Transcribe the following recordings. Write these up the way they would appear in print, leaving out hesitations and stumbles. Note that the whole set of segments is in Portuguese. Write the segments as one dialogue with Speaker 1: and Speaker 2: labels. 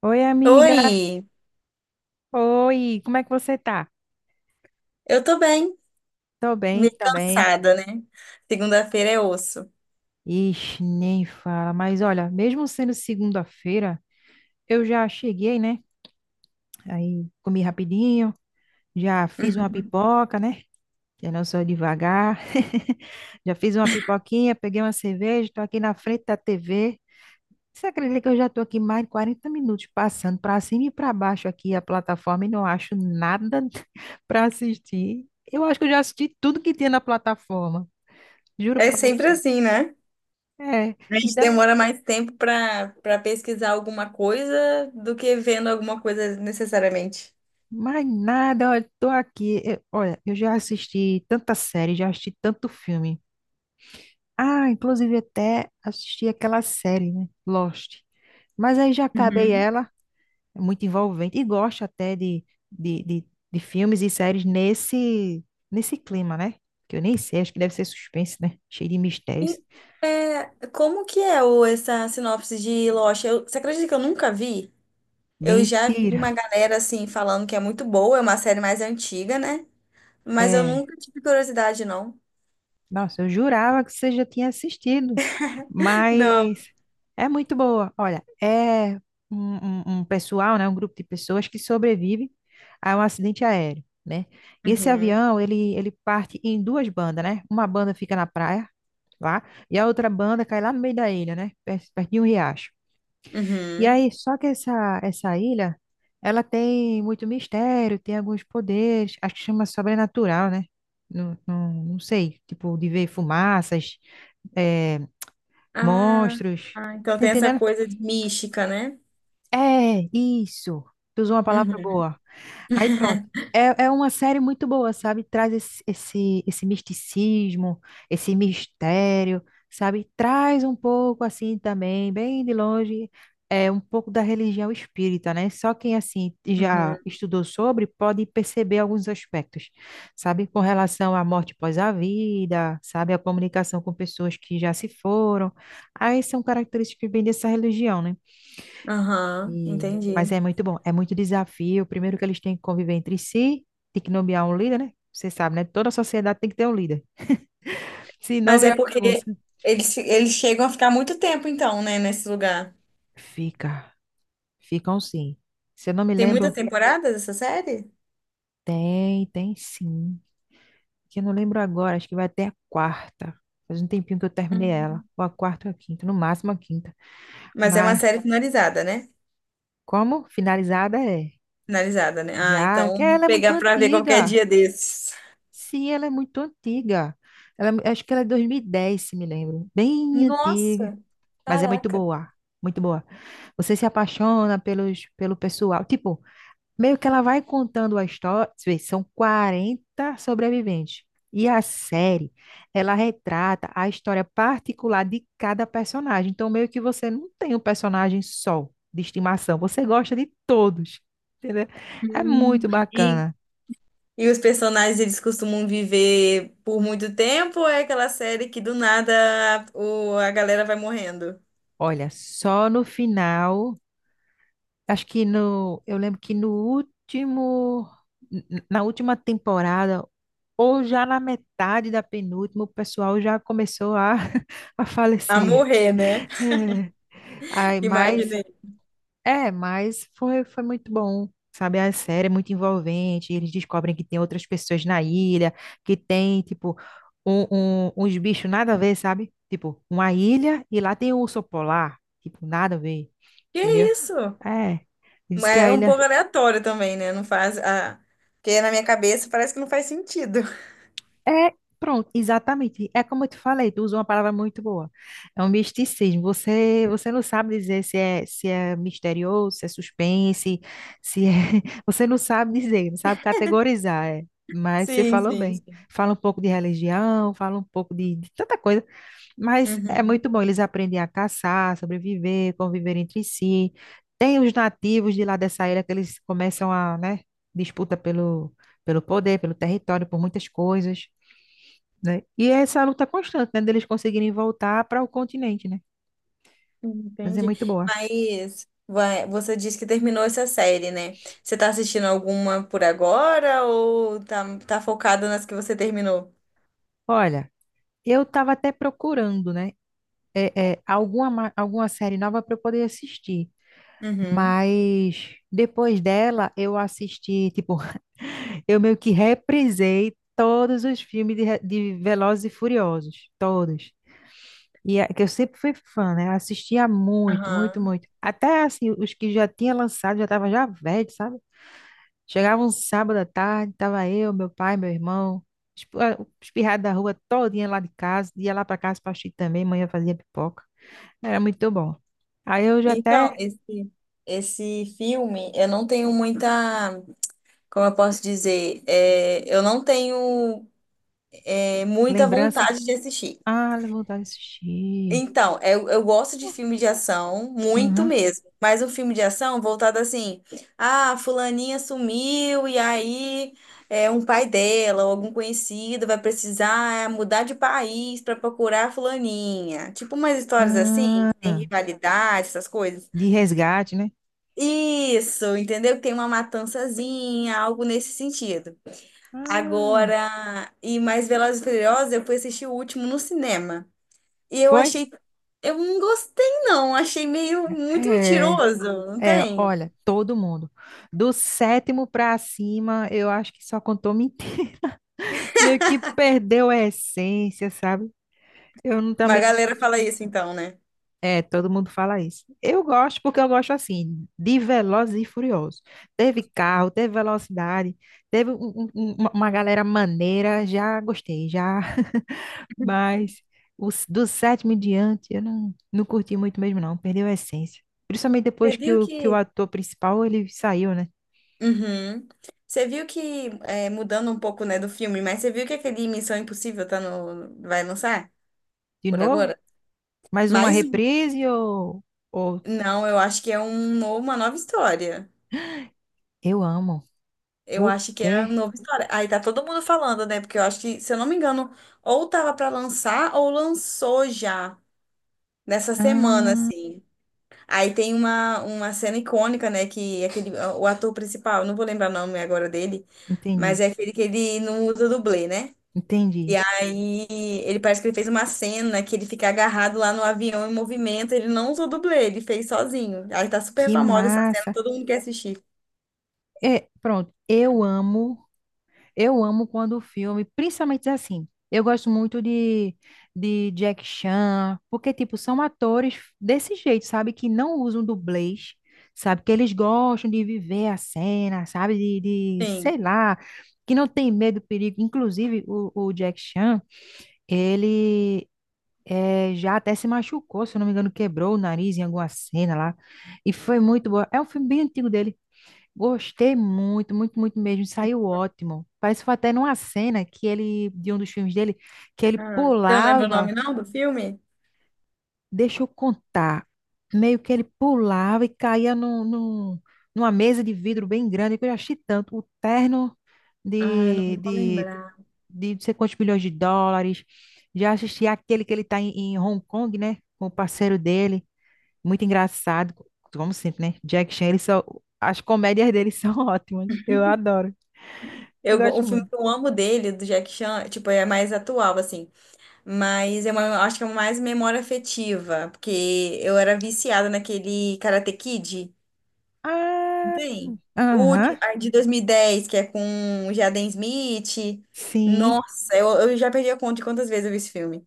Speaker 1: Oi, amiga.
Speaker 2: Oi,
Speaker 1: Oi, como é que você tá?
Speaker 2: eu tô bem,
Speaker 1: Tô bem,
Speaker 2: meio
Speaker 1: tô bem.
Speaker 2: cansada, né? Segunda-feira é osso.
Speaker 1: Ixi, nem fala. Mas olha, mesmo sendo segunda-feira, eu já cheguei, né? Aí comi rapidinho, já fiz uma pipoca, né? Eu não sou devagar. Já fiz uma pipoquinha, peguei uma cerveja, tô aqui na frente da TV. Você acredita que eu já tô aqui mais de 40 minutos passando pra cima e pra baixo aqui a plataforma e não acho nada pra assistir? Eu acho que eu já assisti tudo que tinha na plataforma. Juro
Speaker 2: É
Speaker 1: pra
Speaker 2: sempre
Speaker 1: você.
Speaker 2: assim, né?
Speaker 1: É,
Speaker 2: A
Speaker 1: e
Speaker 2: gente
Speaker 1: daí?
Speaker 2: demora mais tempo pra para pesquisar alguma coisa do que vendo alguma coisa necessariamente.
Speaker 1: Mais nada, olha, tô aqui. Olha, eu já assisti tanta série, já assisti tanto filme. Ah, inclusive até assisti aquela série, né? Lost. Mas aí já acabei
Speaker 2: Uhum.
Speaker 1: ela, é muito envolvente, e gosto até de, de, de filmes e séries nesse clima, né? Que eu nem sei, acho que deve ser suspense, né? Cheio de mistérios.
Speaker 2: E, como que é essa sinopse de Lost? Você acredita que eu nunca vi? Eu já vi
Speaker 1: Mentira!
Speaker 2: uma galera assim falando que é muito boa, é uma série mais antiga, né? Mas eu
Speaker 1: É.
Speaker 2: nunca tive curiosidade, não.
Speaker 1: Nossa, eu jurava que você já tinha assistido,
Speaker 2: Não.
Speaker 1: mas é muito boa. Olha, é um, um pessoal, né, um grupo de pessoas que sobrevive a um acidente aéreo, né? E esse
Speaker 2: Uhum.
Speaker 1: avião, ele parte em duas bandas, né? Uma banda fica na praia, lá, e a outra banda cai lá no meio da ilha, né? Perto, perto de um riacho. E
Speaker 2: Uhum.
Speaker 1: aí, só que essa ilha, ela tem muito mistério, tem alguns poderes, acho que chama sobrenatural, né? Não sei, tipo, de ver fumaças, eh,
Speaker 2: Ah,
Speaker 1: monstros,
Speaker 2: ah, então
Speaker 1: tá
Speaker 2: tem essa
Speaker 1: entendendo?
Speaker 2: coisa de mística, né?
Speaker 1: É, isso, tu usou uma
Speaker 2: Uhum.
Speaker 1: palavra boa. Aí pronto. É, é uma série muito boa, sabe? Traz esse misticismo, esse mistério, sabe? Traz um pouco assim também, bem de longe, é um pouco da religião espírita, né? Só quem assim
Speaker 2: Uhum.
Speaker 1: já estudou sobre pode perceber alguns aspectos, sabe? Com relação à morte após a vida, sabe? A comunicação com pessoas que já se foram. Aí são características bem dessa religião, né?
Speaker 2: Aham,
Speaker 1: Mas
Speaker 2: entendi.
Speaker 1: é muito bom, é muito desafio. Primeiro que eles têm que conviver entre si, tem que nomear um líder, né? Você sabe, né? Toda sociedade tem que ter um líder. Se não,
Speaker 2: Mas é
Speaker 1: vira
Speaker 2: porque
Speaker 1: bagunça.
Speaker 2: eles chegam a ficar muito tempo, então, né, nesse lugar.
Speaker 1: Fica, ficam sim. Se eu não me
Speaker 2: Tem muitas
Speaker 1: lembro,
Speaker 2: temporadas essa série?
Speaker 1: tem, tem sim. Que eu não lembro agora, acho que vai até a quarta. Faz um tempinho que eu terminei
Speaker 2: Hum.
Speaker 1: ela. Ou a quarta ou a quinta, no máximo a quinta.
Speaker 2: Mas é uma
Speaker 1: Mas
Speaker 2: série finalizada, né?
Speaker 1: como finalizada é?
Speaker 2: Finalizada, né? Ah,
Speaker 1: Já,
Speaker 2: então
Speaker 1: que
Speaker 2: vou
Speaker 1: ela é muito
Speaker 2: pegar pra ver qualquer
Speaker 1: antiga.
Speaker 2: dia desses.
Speaker 1: Sim, ela é muito antiga. Acho que ela é 2010, se me lembro. Bem antiga,
Speaker 2: Nossa,
Speaker 1: mas é muito
Speaker 2: caraca.
Speaker 1: boa. Muito boa. Você se apaixona pelo pessoal. Tipo, meio que ela vai contando a história. Você vê, são 40 sobreviventes. E a série, ela retrata a história particular de cada personagem. Então, meio que você não tem um personagem só de estimação. Você gosta de todos. Entendeu? É
Speaker 2: Hum.
Speaker 1: muito
Speaker 2: E
Speaker 1: bacana.
Speaker 2: E os personagens, eles costumam viver por muito tempo ou é aquela série que do nada a galera vai morrendo?
Speaker 1: Olha, só no final. Acho que no, eu lembro que no último, na última temporada, ou já na metade da penúltima, o pessoal já começou a
Speaker 2: A
Speaker 1: falecer.
Speaker 2: morrer, né?
Speaker 1: É.
Speaker 2: É.
Speaker 1: Ai, mas,
Speaker 2: Imaginei.
Speaker 1: é, mas foi, foi muito bom, sabe? A série é muito envolvente, eles descobrem que tem outras pessoas na ilha, que tem, tipo, uns bichos nada a ver, sabe? Tipo, uma ilha e lá tem um urso polar, tipo, nada a ver,
Speaker 2: Que
Speaker 1: entendeu?
Speaker 2: é isso?
Speaker 1: É. Diz que
Speaker 2: Mas
Speaker 1: a
Speaker 2: é um pouco
Speaker 1: ilha
Speaker 2: aleatório também, né? Não faz... Ah, porque na minha cabeça parece que não faz sentido.
Speaker 1: é, pronto, exatamente. É como eu te falei, tu usa uma palavra muito boa. É um misticismo. Você não sabe dizer se é, se é misterioso, se é suspense, se é... Você não sabe dizer, não sabe categorizar, é. Mas você
Speaker 2: Sim,
Speaker 1: falou
Speaker 2: sim,
Speaker 1: bem.
Speaker 2: sim.
Speaker 1: Fala um pouco de religião, fala um pouco de tanta coisa, mas é muito
Speaker 2: Uhum.
Speaker 1: bom. Eles aprendem a caçar, sobreviver, conviver entre si. Tem os nativos de lá dessa ilha que eles começam a, né, disputa pelo, pelo poder, pelo território, por muitas coisas né? E é essa luta constante, né, deles conseguirem voltar para o continente, né? Mas é
Speaker 2: Entendi.
Speaker 1: muito boa.
Speaker 2: Mas vai, você disse que terminou essa série, né? Você tá assistindo alguma por agora ou tá focada nas que você terminou?
Speaker 1: Olha, eu estava até procurando, né, alguma, alguma série nova para eu poder assistir,
Speaker 2: Uhum.
Speaker 1: mas depois dela eu assisti, tipo, eu meio que reprisei todos os filmes de Velozes e Furiosos, todos. E é, que eu sempre fui fã, né? Assistia muito, muito,
Speaker 2: Aham.
Speaker 1: muito. Até assim, os que já tinha lançado já estavam já velhos, sabe? Chegava um sábado à tarde, tava eu, meu pai, meu irmão, espirrado da rua todinha lá de casa, ia lá para casa para assistir também, manhã fazia pipoca. Era muito bom. Aí eu já
Speaker 2: Então,
Speaker 1: até
Speaker 2: esse, esse filme, eu não tenho como eu posso dizer, eu não tenho muita
Speaker 1: lembrança,
Speaker 2: vontade de assistir.
Speaker 1: ah, vontade de assistir.
Speaker 2: Então, eu gosto de filme de ação, muito
Speaker 1: Aham.
Speaker 2: mesmo. Mas um filme de ação voltado assim, ah, fulaninha sumiu e aí é um pai dela ou algum conhecido vai precisar mudar de país para procurar a fulaninha. Tipo umas histórias assim, que tem
Speaker 1: Ah,
Speaker 2: rivalidade, essas coisas.
Speaker 1: de resgate, né?
Speaker 2: Isso, entendeu? Tem uma matançazinha, algo nesse sentido.
Speaker 1: Ah,
Speaker 2: Agora, e mais Velozes e Furiosos, eu fui assistir o último no cinema. E eu
Speaker 1: foi?
Speaker 2: achei, eu não gostei não, achei meio muito
Speaker 1: É,
Speaker 2: mentiroso, não
Speaker 1: é,
Speaker 2: tem?
Speaker 1: olha, todo mundo. Do sétimo pra cima, eu acho que só contou mentira. Meio que perdeu a essência, sabe? Eu não-
Speaker 2: Mas a
Speaker 1: também não
Speaker 2: galera fala
Speaker 1: gosto.
Speaker 2: isso então, né?
Speaker 1: É, todo mundo fala isso. Eu gosto porque eu gosto assim, de Velozes e Furiosos. Teve carro, teve velocidade, teve uma galera maneira, já gostei, já, mas os, do sétimo em diante eu não curti muito mesmo não, perdeu a essência. Principalmente depois
Speaker 2: Você
Speaker 1: que
Speaker 2: viu
Speaker 1: que o
Speaker 2: que...
Speaker 1: ator principal, ele saiu, né?
Speaker 2: Uhum. Você viu que, é, mudando um pouco, né, do filme, mas você viu que aquele Missão Impossível tá no... vai lançar
Speaker 1: De
Speaker 2: por
Speaker 1: novo,
Speaker 2: agora?
Speaker 1: mais uma
Speaker 2: Mais um.
Speaker 1: reprise ou
Speaker 2: Não, eu acho que é um uma nova história.
Speaker 1: eu amo.
Speaker 2: Eu
Speaker 1: O
Speaker 2: acho que é a
Speaker 1: quê?
Speaker 2: nova história. Aí tá todo mundo falando, né? Porque eu acho que, se eu não me engano, ou tava pra lançar ou lançou já nessa semana, assim. Aí tem uma cena icônica, né? O ator principal, não vou lembrar o nome agora dele, mas
Speaker 1: Entendi,
Speaker 2: é aquele que ele não usa dublê, né? E
Speaker 1: entendi.
Speaker 2: aí ele parece que ele fez uma cena que ele fica agarrado lá no avião em movimento, ele não usou dublê, ele fez sozinho. Aí tá super
Speaker 1: Que
Speaker 2: famosa essa cena,
Speaker 1: massa.
Speaker 2: todo mundo quer assistir.
Speaker 1: É, pronto, eu amo. Eu amo quando o filme, principalmente assim, eu gosto muito de Jack Chan, porque, tipo, são atores desse jeito, sabe? Que não usam dublês, sabe? Que eles gostam de viver a cena, sabe? De
Speaker 2: Sim.
Speaker 1: sei lá, que não tem medo do perigo. Inclusive, o Jack Chan, ele já até se machucou, se eu não me engano, quebrou o nariz em alguma cena lá. E foi muito bom. É um filme bem antigo dele. Gostei muito, muito, muito mesmo. Saiu ótimo. Parece que foi até numa cena que ele, de um dos filmes dele, que ele
Speaker 2: Ah, você não lembra o
Speaker 1: pulava,
Speaker 2: nome não do filme?
Speaker 1: deixa eu contar, meio que ele pulava e caía numa mesa de vidro bem grande, que eu já achei tanto. O terno
Speaker 2: Ah, eu não
Speaker 1: de,
Speaker 2: vou
Speaker 1: de,
Speaker 2: lembrar.
Speaker 1: de não sei quantos milhões de dólares. Já assisti aquele que ele tá em Hong Kong, né? Com o parceiro dele. Muito engraçado, como sempre, né? Jack Chan, ele só, as comédias dele são ótimas. Eu adoro. Eu
Speaker 2: Um
Speaker 1: gosto
Speaker 2: filme
Speaker 1: muito.
Speaker 2: que eu amo dele, do Jack Chan, tipo, é mais atual, assim. Mas é uma, acho que é mais memória afetiva, porque eu era viciada naquele Karate Kid. Não
Speaker 1: Ah,
Speaker 2: tem? O último,
Speaker 1: aham,
Speaker 2: ah, de 2010, que é com o Jaden Smith.
Speaker 1: sim.
Speaker 2: Nossa, eu já perdi a conta de quantas vezes eu vi esse filme.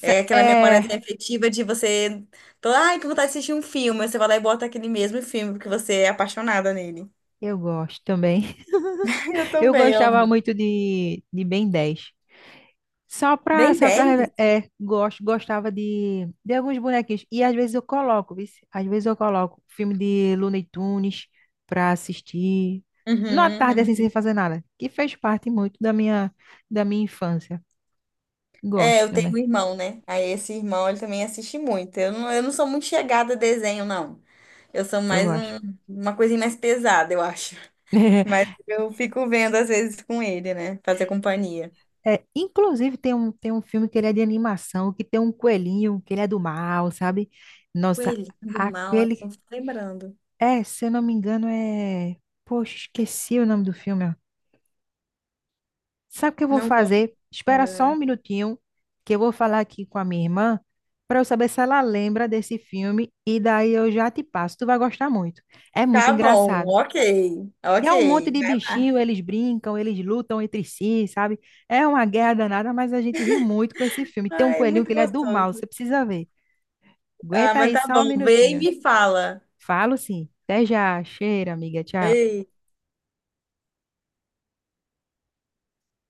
Speaker 2: É aquela memória
Speaker 1: É,
Speaker 2: afetiva de você... tô, ai, que vontade de assistir um filme. Aí você vai lá e bota aquele mesmo filme, porque você é apaixonada nele.
Speaker 1: eu gosto também.
Speaker 2: Eu
Speaker 1: Eu
Speaker 2: também
Speaker 1: gostava
Speaker 2: amo.
Speaker 1: muito de Ben 10.
Speaker 2: Bem
Speaker 1: Só pra,
Speaker 2: 10?
Speaker 1: reve- é, gosto, gostava de alguns bonequinhos. E às vezes eu coloco, viu? Às vezes eu coloco filme de Looney Tunes pra assistir. Numa
Speaker 2: Uhum,
Speaker 1: tarde assim,
Speaker 2: uhum.
Speaker 1: sem fazer nada. Que fez parte muito da minha infância.
Speaker 2: É,
Speaker 1: Gosto
Speaker 2: eu tenho um
Speaker 1: também,
Speaker 2: irmão, né? Aí esse irmão, ele também assiste muito. Eu não sou muito chegada a desenho, não. Eu sou
Speaker 1: eu
Speaker 2: mais
Speaker 1: gosto.
Speaker 2: uma coisinha mais pesada, eu acho. Mas eu fico vendo às vezes com ele, né? Fazer companhia.
Speaker 1: É, inclusive tem um filme que ele é de animação, que tem um coelhinho, que ele é do mal, sabe? Nossa,
Speaker 2: Coelhinho do mal, eu
Speaker 1: aquele.
Speaker 2: não tô lembrando.
Speaker 1: É, se eu não me engano, é. Poxa, esqueci o nome do filme. Ó. Sabe o que eu vou
Speaker 2: Não vou
Speaker 1: fazer? Espera só um
Speaker 2: lembrar.
Speaker 1: minutinho, que eu vou falar aqui com a minha irmã, para eu saber se ela lembra desse filme, e daí eu já te passo. Tu vai gostar muito. É muito
Speaker 2: Tá bom,
Speaker 1: engraçado.
Speaker 2: ok.
Speaker 1: E
Speaker 2: Ok.
Speaker 1: é um monte de
Speaker 2: Vai lá.
Speaker 1: bichinho, eles brincam, eles lutam entre si, sabe? É uma guerra danada, mas a gente ri muito com esse filme. Tem um
Speaker 2: Ai,
Speaker 1: coelhinho
Speaker 2: muito
Speaker 1: que ele é do mal,
Speaker 2: gostoso.
Speaker 1: você precisa ver.
Speaker 2: Ah,
Speaker 1: Aguenta
Speaker 2: mas
Speaker 1: aí
Speaker 2: tá
Speaker 1: só
Speaker 2: bom.
Speaker 1: um
Speaker 2: Vê e
Speaker 1: minutinho.
Speaker 2: me fala.
Speaker 1: Falo sim. Até já. Cheira, amiga. Tchau.
Speaker 2: Beijo.